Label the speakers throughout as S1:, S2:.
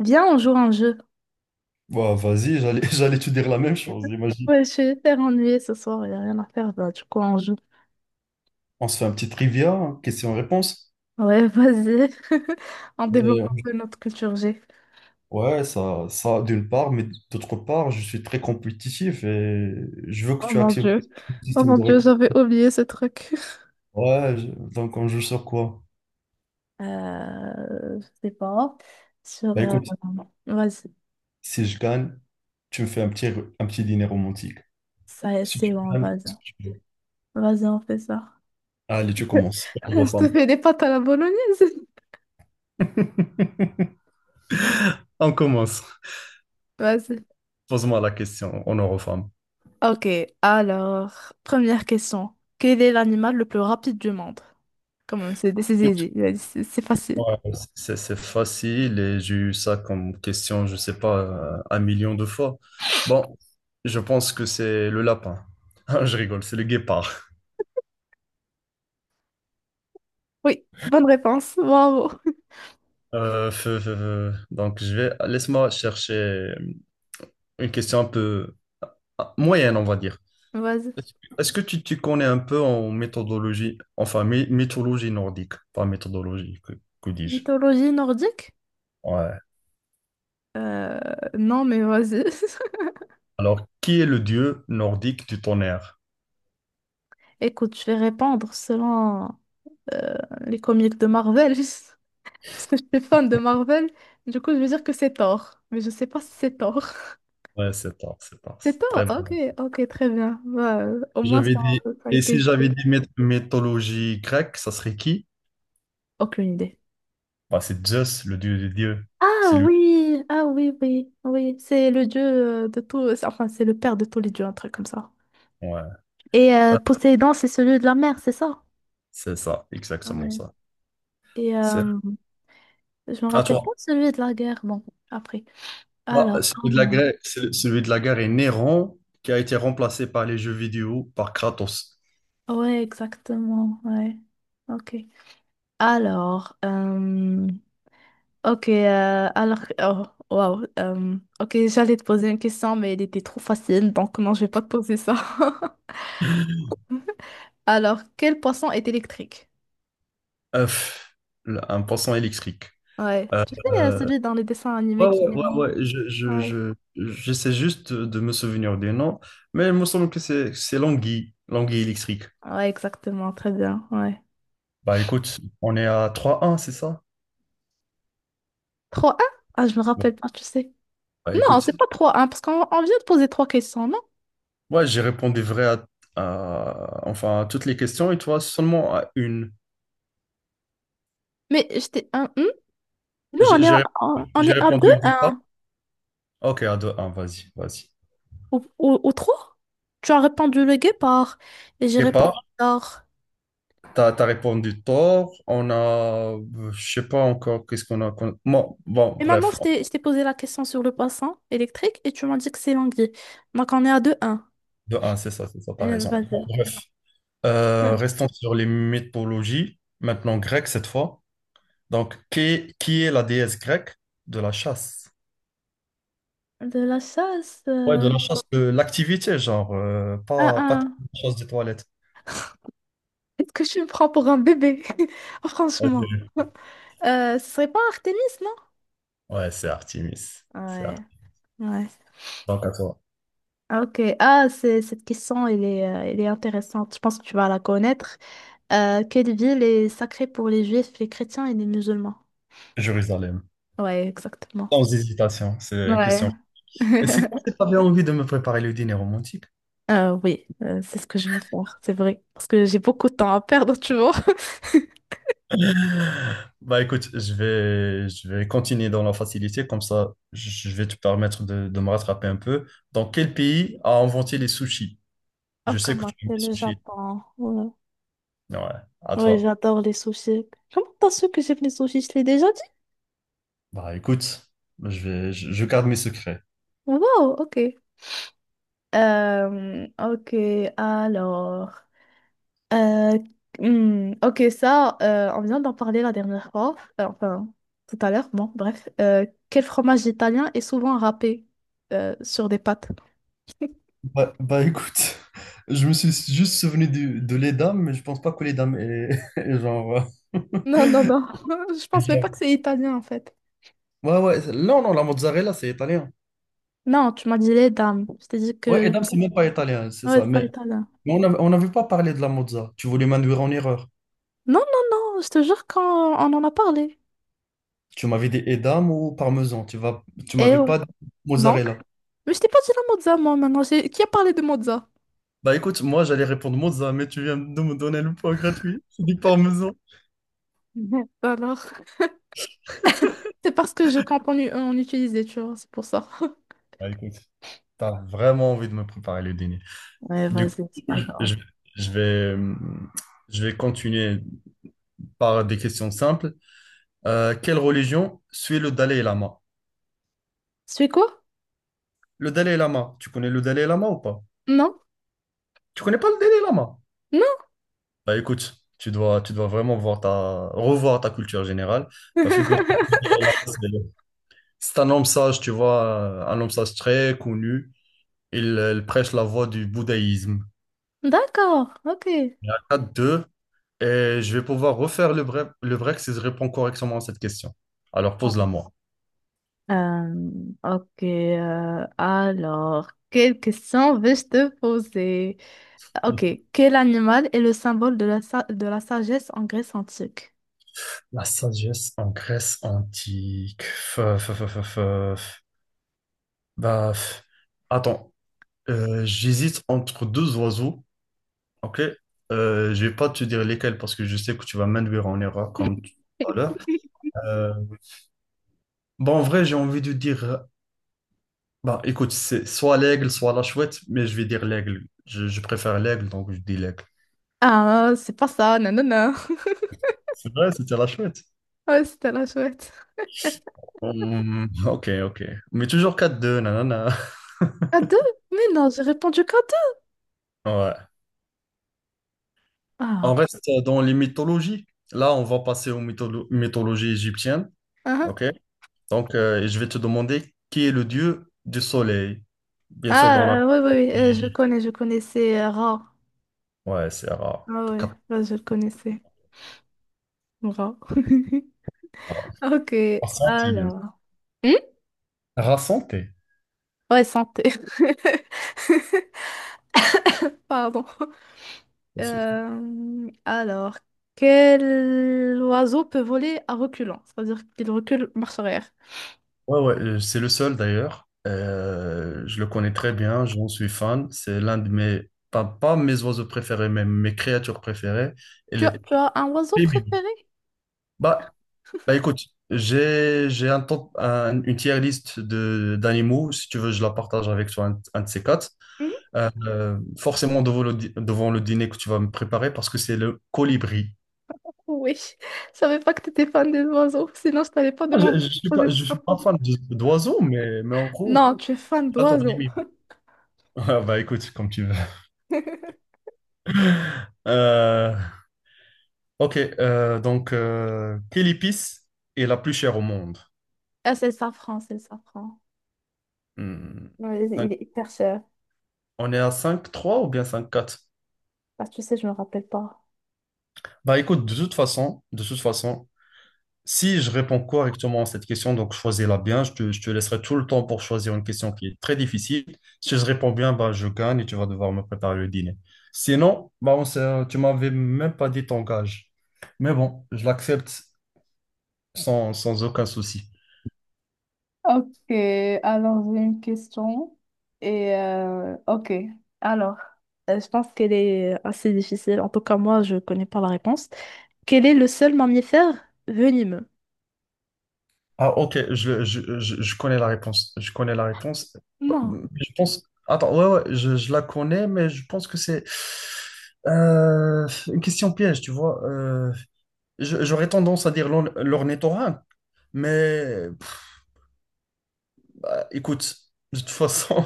S1: Viens, on joue à un jeu.
S2: Bah, vas-y, j'allais, j'allais te dire la même chose, imagine.
S1: Ouais, je suis hyper ennuyée ce soir, il n'y a rien à faire, bah, du coup, on joue.
S2: On se fait un petit trivia, hein, question-réponse.
S1: Ouais, vas-y. On développe
S2: Euh,
S1: un peu notre culture G.
S2: ouais, ça d'une part, mais d'autre part, je suis très compétitif et je veux que
S1: Oh
S2: tu
S1: mon
S2: actives
S1: Dieu.
S2: le
S1: Oh
S2: système
S1: mon
S2: de
S1: Dieu,
S2: récompense.
S1: j'avais oublié ce truc.
S2: Ouais, je- donc on joue sur quoi?
S1: Je sais pas. Sur.
S2: Bah écoute,
S1: Vas-y.
S2: si je gagne, tu me fais un petit dîner romantique.
S1: Ça,
S2: Si
S1: c'est
S2: tu
S1: bon,
S2: gagnes,
S1: vas-y.
S2: c'est ce que tu veux.
S1: Vas-y, on fait ça.
S2: Allez, tu commences. On
S1: Je te
S2: referme.
S1: fais des pâtes à la bolognaise.
S2: On commence.
S1: Vas-y.
S2: Pose-moi la question, on en refait.
S1: Ok, alors, première question. Quel est l'animal le plus rapide du monde? Comment c'est easy, c'est facile.
S2: C'est facile et j'ai eu ça comme question, je sais pas, un million de fois. Bon, je pense que c'est le lapin. Ah, je rigole, c'est le guépard.
S1: Oui, bonne réponse. Bravo.
S2: Feu, feu, feu. Donc, je vais... Laisse-moi chercher une question un peu moyenne, on va dire.
S1: Vas-y.
S2: Est-ce que tu connais un peu en méthodologie, enfin, mythologie nordique, pas méthodologie, que dis-je?
S1: Mythologie nordique?
S2: Ouais.
S1: Non, mais vas-y.
S2: Alors, qui est le dieu nordique du tonnerre?
S1: Écoute, je vais répondre selon euh, les comics de Marvel, parce que je suis fan de Marvel. Du coup, je vais dire que c'est Thor, mais je sais pas si c'est Thor.
S2: Ouais, c'est tard, c'est tard.
S1: C'est
S2: C'est très
S1: Thor?
S2: bon.
S1: Ok, ok, très bien. Bah, au moins, ça,
S2: J'avais dit,
S1: ça a
S2: et si
S1: été...
S2: j'avais dit mythologie grecque, ça serait qui?
S1: Aucune idée.
S2: Bah, c'est Zeus, le dieu des dieux. C'est
S1: Ah
S2: lui.
S1: oui, ah oui, oui, oui. C'est le dieu de tout... Enfin, c'est le père de tous les dieux, un truc comme ça.
S2: Ouais.
S1: Et
S2: Ah,
S1: Poséidon, c'est celui de la mer, c'est ça?
S2: c'est ça, exactement
S1: Ouais.
S2: ça.
S1: Et
S2: C'est
S1: je me
S2: à
S1: rappelle pas
S2: toi.
S1: de celui de la guerre. Bon, après.
S2: Bah,
S1: Alors, ah non.
S2: celui de la guerre est Néron, qui a été remplacé par les jeux vidéo par Kratos.
S1: Ouais, exactement. Ouais. Ok. Alors, ok. Alors, oh, wow. Ok, j'allais te poser une question, mais elle était trop facile, donc non, je vais pas te poser ça. Alors, quel poisson est électrique?
S2: Euh, pff, un poisson électrique.
S1: Ouais. Tu sais,
S2: Euh,
S1: celui dans les dessins animés
S2: ouais,
S1: qui
S2: ouais,
S1: est
S2: ouais,
S1: long.
S2: ouais,
S1: Ouais.
S2: j'essaie juste de me souvenir des noms, mais il me semble que c'est l'anguille, l'anguille électrique.
S1: Ouais, exactement. Très bien. Ouais.
S2: Bah écoute, on est à 3-1, c'est ça?
S1: Trois un. Ah, je me
S2: Bon,
S1: rappelle pas, tu sais.
S2: bah,
S1: Non,
S2: écoute,
S1: c'est pas trois un parce qu'on on vient de poser trois questions.
S2: moi j'ai répondu vrai enfin, à toutes les questions et toi seulement à une.
S1: Mais j'étais un. Hmm. Non, on
S2: J'ai
S1: est
S2: j'ai
S1: à, on
S2: répondu
S1: on
S2: j'ai
S1: est à deux,
S2: répondu Guépa.
S1: un
S2: Ok, à deux, un, vas-y, vas-y.
S1: ou trois. Tu as répondu le guépard et j'ai
S2: Guépa,
S1: répondu l'or.
S2: t'as, t'as répondu tort. On a, je sais pas encore qu'est-ce qu'on a. Bon, bon,
S1: Et maintenant,
S2: bref,
S1: je t'ai posé la question sur le poisson électrique et tu m'as dit que c'est l'anguille. Donc, on est à deux, un.
S2: de un, c'est ça, t'as raison.
S1: Vas-y.
S2: Bon, bref,
S1: Hmm.
S2: restons sur les mythologies. Maintenant, grecque cette fois. Donc, qui est la déesse grecque de la chasse?
S1: De la chasse.
S2: Ouais, de
S1: Euh,
S2: la chasse, de l'activité, genre,
S1: un,
S2: pas de
S1: un.
S2: la chasse des toilettes.
S1: Est-ce que tu me prends pour un bébé? Franchement.
S2: Vas-y.
S1: Ce serait pas Artemis, non?
S2: Ouais, c'est Artemis. C'est
S1: Ouais,
S2: Artemis.
S1: ouais.
S2: Donc à toi.
S1: Ah, ok. Ah, c'est, cette question, elle est intéressante. Je pense que tu vas la connaître. Quelle ville est sacrée pour les juifs, les chrétiens et les musulmans?
S2: Jérusalem.
S1: Ouais, exactement.
S2: Sans hésitation, c'est une
S1: Ouais.
S2: question. Et c'est quand tu avais envie de me préparer le dîner romantique?
S1: Oui, c'est ce que je veux faire, c'est vrai. Parce que j'ai beaucoup de temps à perdre, tu vois.
S2: Bah écoute, je vais continuer dans la facilité, comme ça je vais te permettre de me rattraper un peu. Dans quel pays a inventé les sushis? Je
S1: Oh,
S2: sais que
S1: comment
S2: tu aimes
S1: c'est
S2: les
S1: le
S2: sushis.
S1: Japon? Ouais.
S2: Ouais, à
S1: Ouais,
S2: toi.
S1: j'adore les sushis. Comment t'as su que j'aime les sushis? Je l'ai déjà dit?
S2: Bah écoute, je garde mes secrets.
S1: Wow, ok. Ok, alors. Euh, ok, ça, on vient d'en parler la dernière fois, enfin tout à l'heure, bon, bref. Quel fromage italien est souvent râpé sur des pâtes?
S2: Écoute, je me suis juste souvenu de les dames, mais je pense pas que les dames est est genre. Euh,
S1: Non, non, non, je
S2: est
S1: pense même pas
S2: genre-
S1: que c'est italien en fait.
S2: Ouais, ouais, non, non, la mozzarella, c'est italien.
S1: Non, tu m'as dit les dames, je t'ai dit
S2: Ouais, et
S1: que...
S2: dames, c'est même pas italien, c'est
S1: Ouais,
S2: ça.
S1: c'est pas
S2: Mais
S1: italien.
S2: on n'avait pas parlé de la mozza. Tu voulais m'induire en erreur.
S1: Non, non, non, je te jure qu'on on en a parlé.
S2: Tu m'avais dit edam ou parmesan. Tu
S1: Et
S2: m'avais
S1: ouais.
S2: pas dit
S1: Donc?
S2: mozzarella.
S1: Mais je t'ai pas dit la mozza, moi, maintenant. J'ai- Qui a parlé de mozza?
S2: Bah écoute, moi j'allais répondre mozza, mais tu viens de me donner le point gratuit. C'est du parmesan.
S1: Mhm. Alors, c'est parce que je compte en, u- en utiliser, tu vois, c'est pour ça.
S2: Bah écoute, t'as vraiment envie de me préparer le dîner.
S1: Ouais,
S2: Du coup,
S1: vas-y, c'est pas grave.
S2: je, je vais, euh, je vais continuer par des questions simples. Quelle religion suit le Dalai Lama?
S1: C'est quoi?
S2: Le Dalai Lama, tu connais le Dalai Lama ou pas?
S1: Non?
S2: Tu connais pas le Dalai Lama?
S1: Non?
S2: Bah écoute, tu dois vraiment voir revoir ta culture générale. Bah, figure-toi que le Dalai Lama, c'est un homme sage, tu vois, un homme sage très connu. Il prêche la voie du bouddhisme.
S1: D'accord, ok.
S2: 4-2, et je vais pouvoir refaire le break si je réponds correctement à cette question. Alors pose-la moi.
S1: Euh, ok, alors, quelle question vais-je te poser? Ok, quel animal est le symbole de la, sa- de la sagesse en Grèce antique?
S2: La sagesse en Grèce antique. Bah, f- Attends, j'hésite entre deux oiseaux, ok? Je vais pas te dire lesquels parce que je sais que tu vas m'induire en erreur comme tu- tout à l'heure. Euh, en vrai, j'ai envie de dire, bah, écoute, c'est soit l'aigle, soit la chouette, mais je vais dire l'aigle. Je préfère l'aigle, donc je dis l'aigle.
S1: Ah, c'est pas ça, non, non, non.
S2: C'est vrai, c'était la chouette.
S1: Ouais, c'était la chouette.
S2: Ok, ok. Mais toujours 4-2, nanana.
S1: À deux? Mais non, j'ai répondu qu'à deux.
S2: Ouais. On
S1: Ah,
S2: reste dans les mythologies. Là, on va passer aux mythologies égyptiennes.
S1: ah,
S2: OK? Donc, et je vais te demander qui est le dieu du soleil. Bien sûr, dans la...
S1: ah, oui, oui, oui, je connais, je connaissais Ra.
S2: Ouais, c'est Ra.
S1: Ah, ouais, ouais, je le connaissais, Ra.
S2: Ra
S1: Ok,
S2: Santé, bien sûr.
S1: alors. Hmm.
S2: Ra Santé.
S1: Ouais, santé. Pardon. Alors, quel oiseau peut voler à reculant? C'est-à-dire qu'il recule marche arrière.
S2: Ouais, ouais, c'est le seul d'ailleurs. Je le connais très bien, j'en suis fan. C'est l'un de mes, pas mes oiseaux préférés, mais mes créatures préférées. Elle est
S1: Tu as un oiseau
S2: très mimi.
S1: préféré?
S2: Bah, Bah écoute, j'ai un temps une tier list de d'animaux. Si tu veux, je la partage avec toi, un de ces quatre.
S1: Hmm.
S2: Forcément devant devant le dîner que tu vas me préparer parce que c'est le colibri.
S1: Oui. Je savais pas que tu étais fan des oiseaux, sinon je t'avais pas demandé de poser
S2: Je
S1: cette
S2: suis pas
S1: question.
S2: fan d'oiseaux, mais en gros,
S1: Non, tu es fan
S2: j'adore les
S1: d'oiseaux.
S2: mimes. Ah, bah écoute, comme tu veux. Euh, quelle épice est la plus chère au monde?
S1: Ah, c'est le safran, c'est le safran.
S2: Hmm,
S1: Ouais,
S2: cinq-
S1: il est hyper cher.
S2: on est à cinq trois ou bien cinq quatre.
S1: Bah, tu sais, je me rappelle pas.
S2: Bah écoute, de toute façon, de toute façon. Si je réponds correctement à cette question, donc choisis-la bien. Je te laisserai tout le temps pour choisir une question qui est très difficile. Si je réponds bien, bah, je gagne et tu vas devoir me préparer le dîner. Sinon, tu m'avais même pas dit ton gage. Mais bon, je l'accepte sans aucun souci.
S1: Ok, alors j'ai une question. Et ok, alors je pense qu'elle est assez difficile. En tout cas, moi, je connais pas la réponse. Quel est le seul mammifère venimeux?
S2: Je connais la réponse. Je connais la réponse.
S1: Non,
S2: Je pense. Attends, ouais, ouais, je la connais, mais je pense que c'est une question piège, tu vois. J'aurais tendance à dire l'ornithorynque, mais écoute, de toute façon,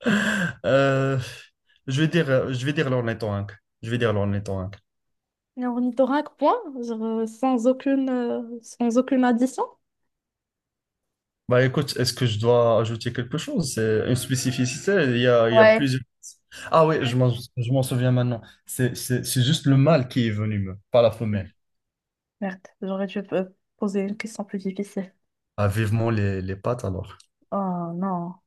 S2: euh, je vais dire l'ornithorynque. Je vais dire l'ornithorynque.
S1: un ornithorynque, point, genre, sans aucune, sans aucune addition.
S2: Bah écoute, est-ce que je dois ajouter quelque chose? C'est une spécificité, il y a
S1: Ouais.
S2: plusieurs. Ah oui, je m'en souviens maintenant. C'est juste le mâle qui est venu, pas la femelle.
S1: Merde, j'aurais dû poser une question plus difficile.
S2: Ah, vivement les pattes alors.
S1: Oh non.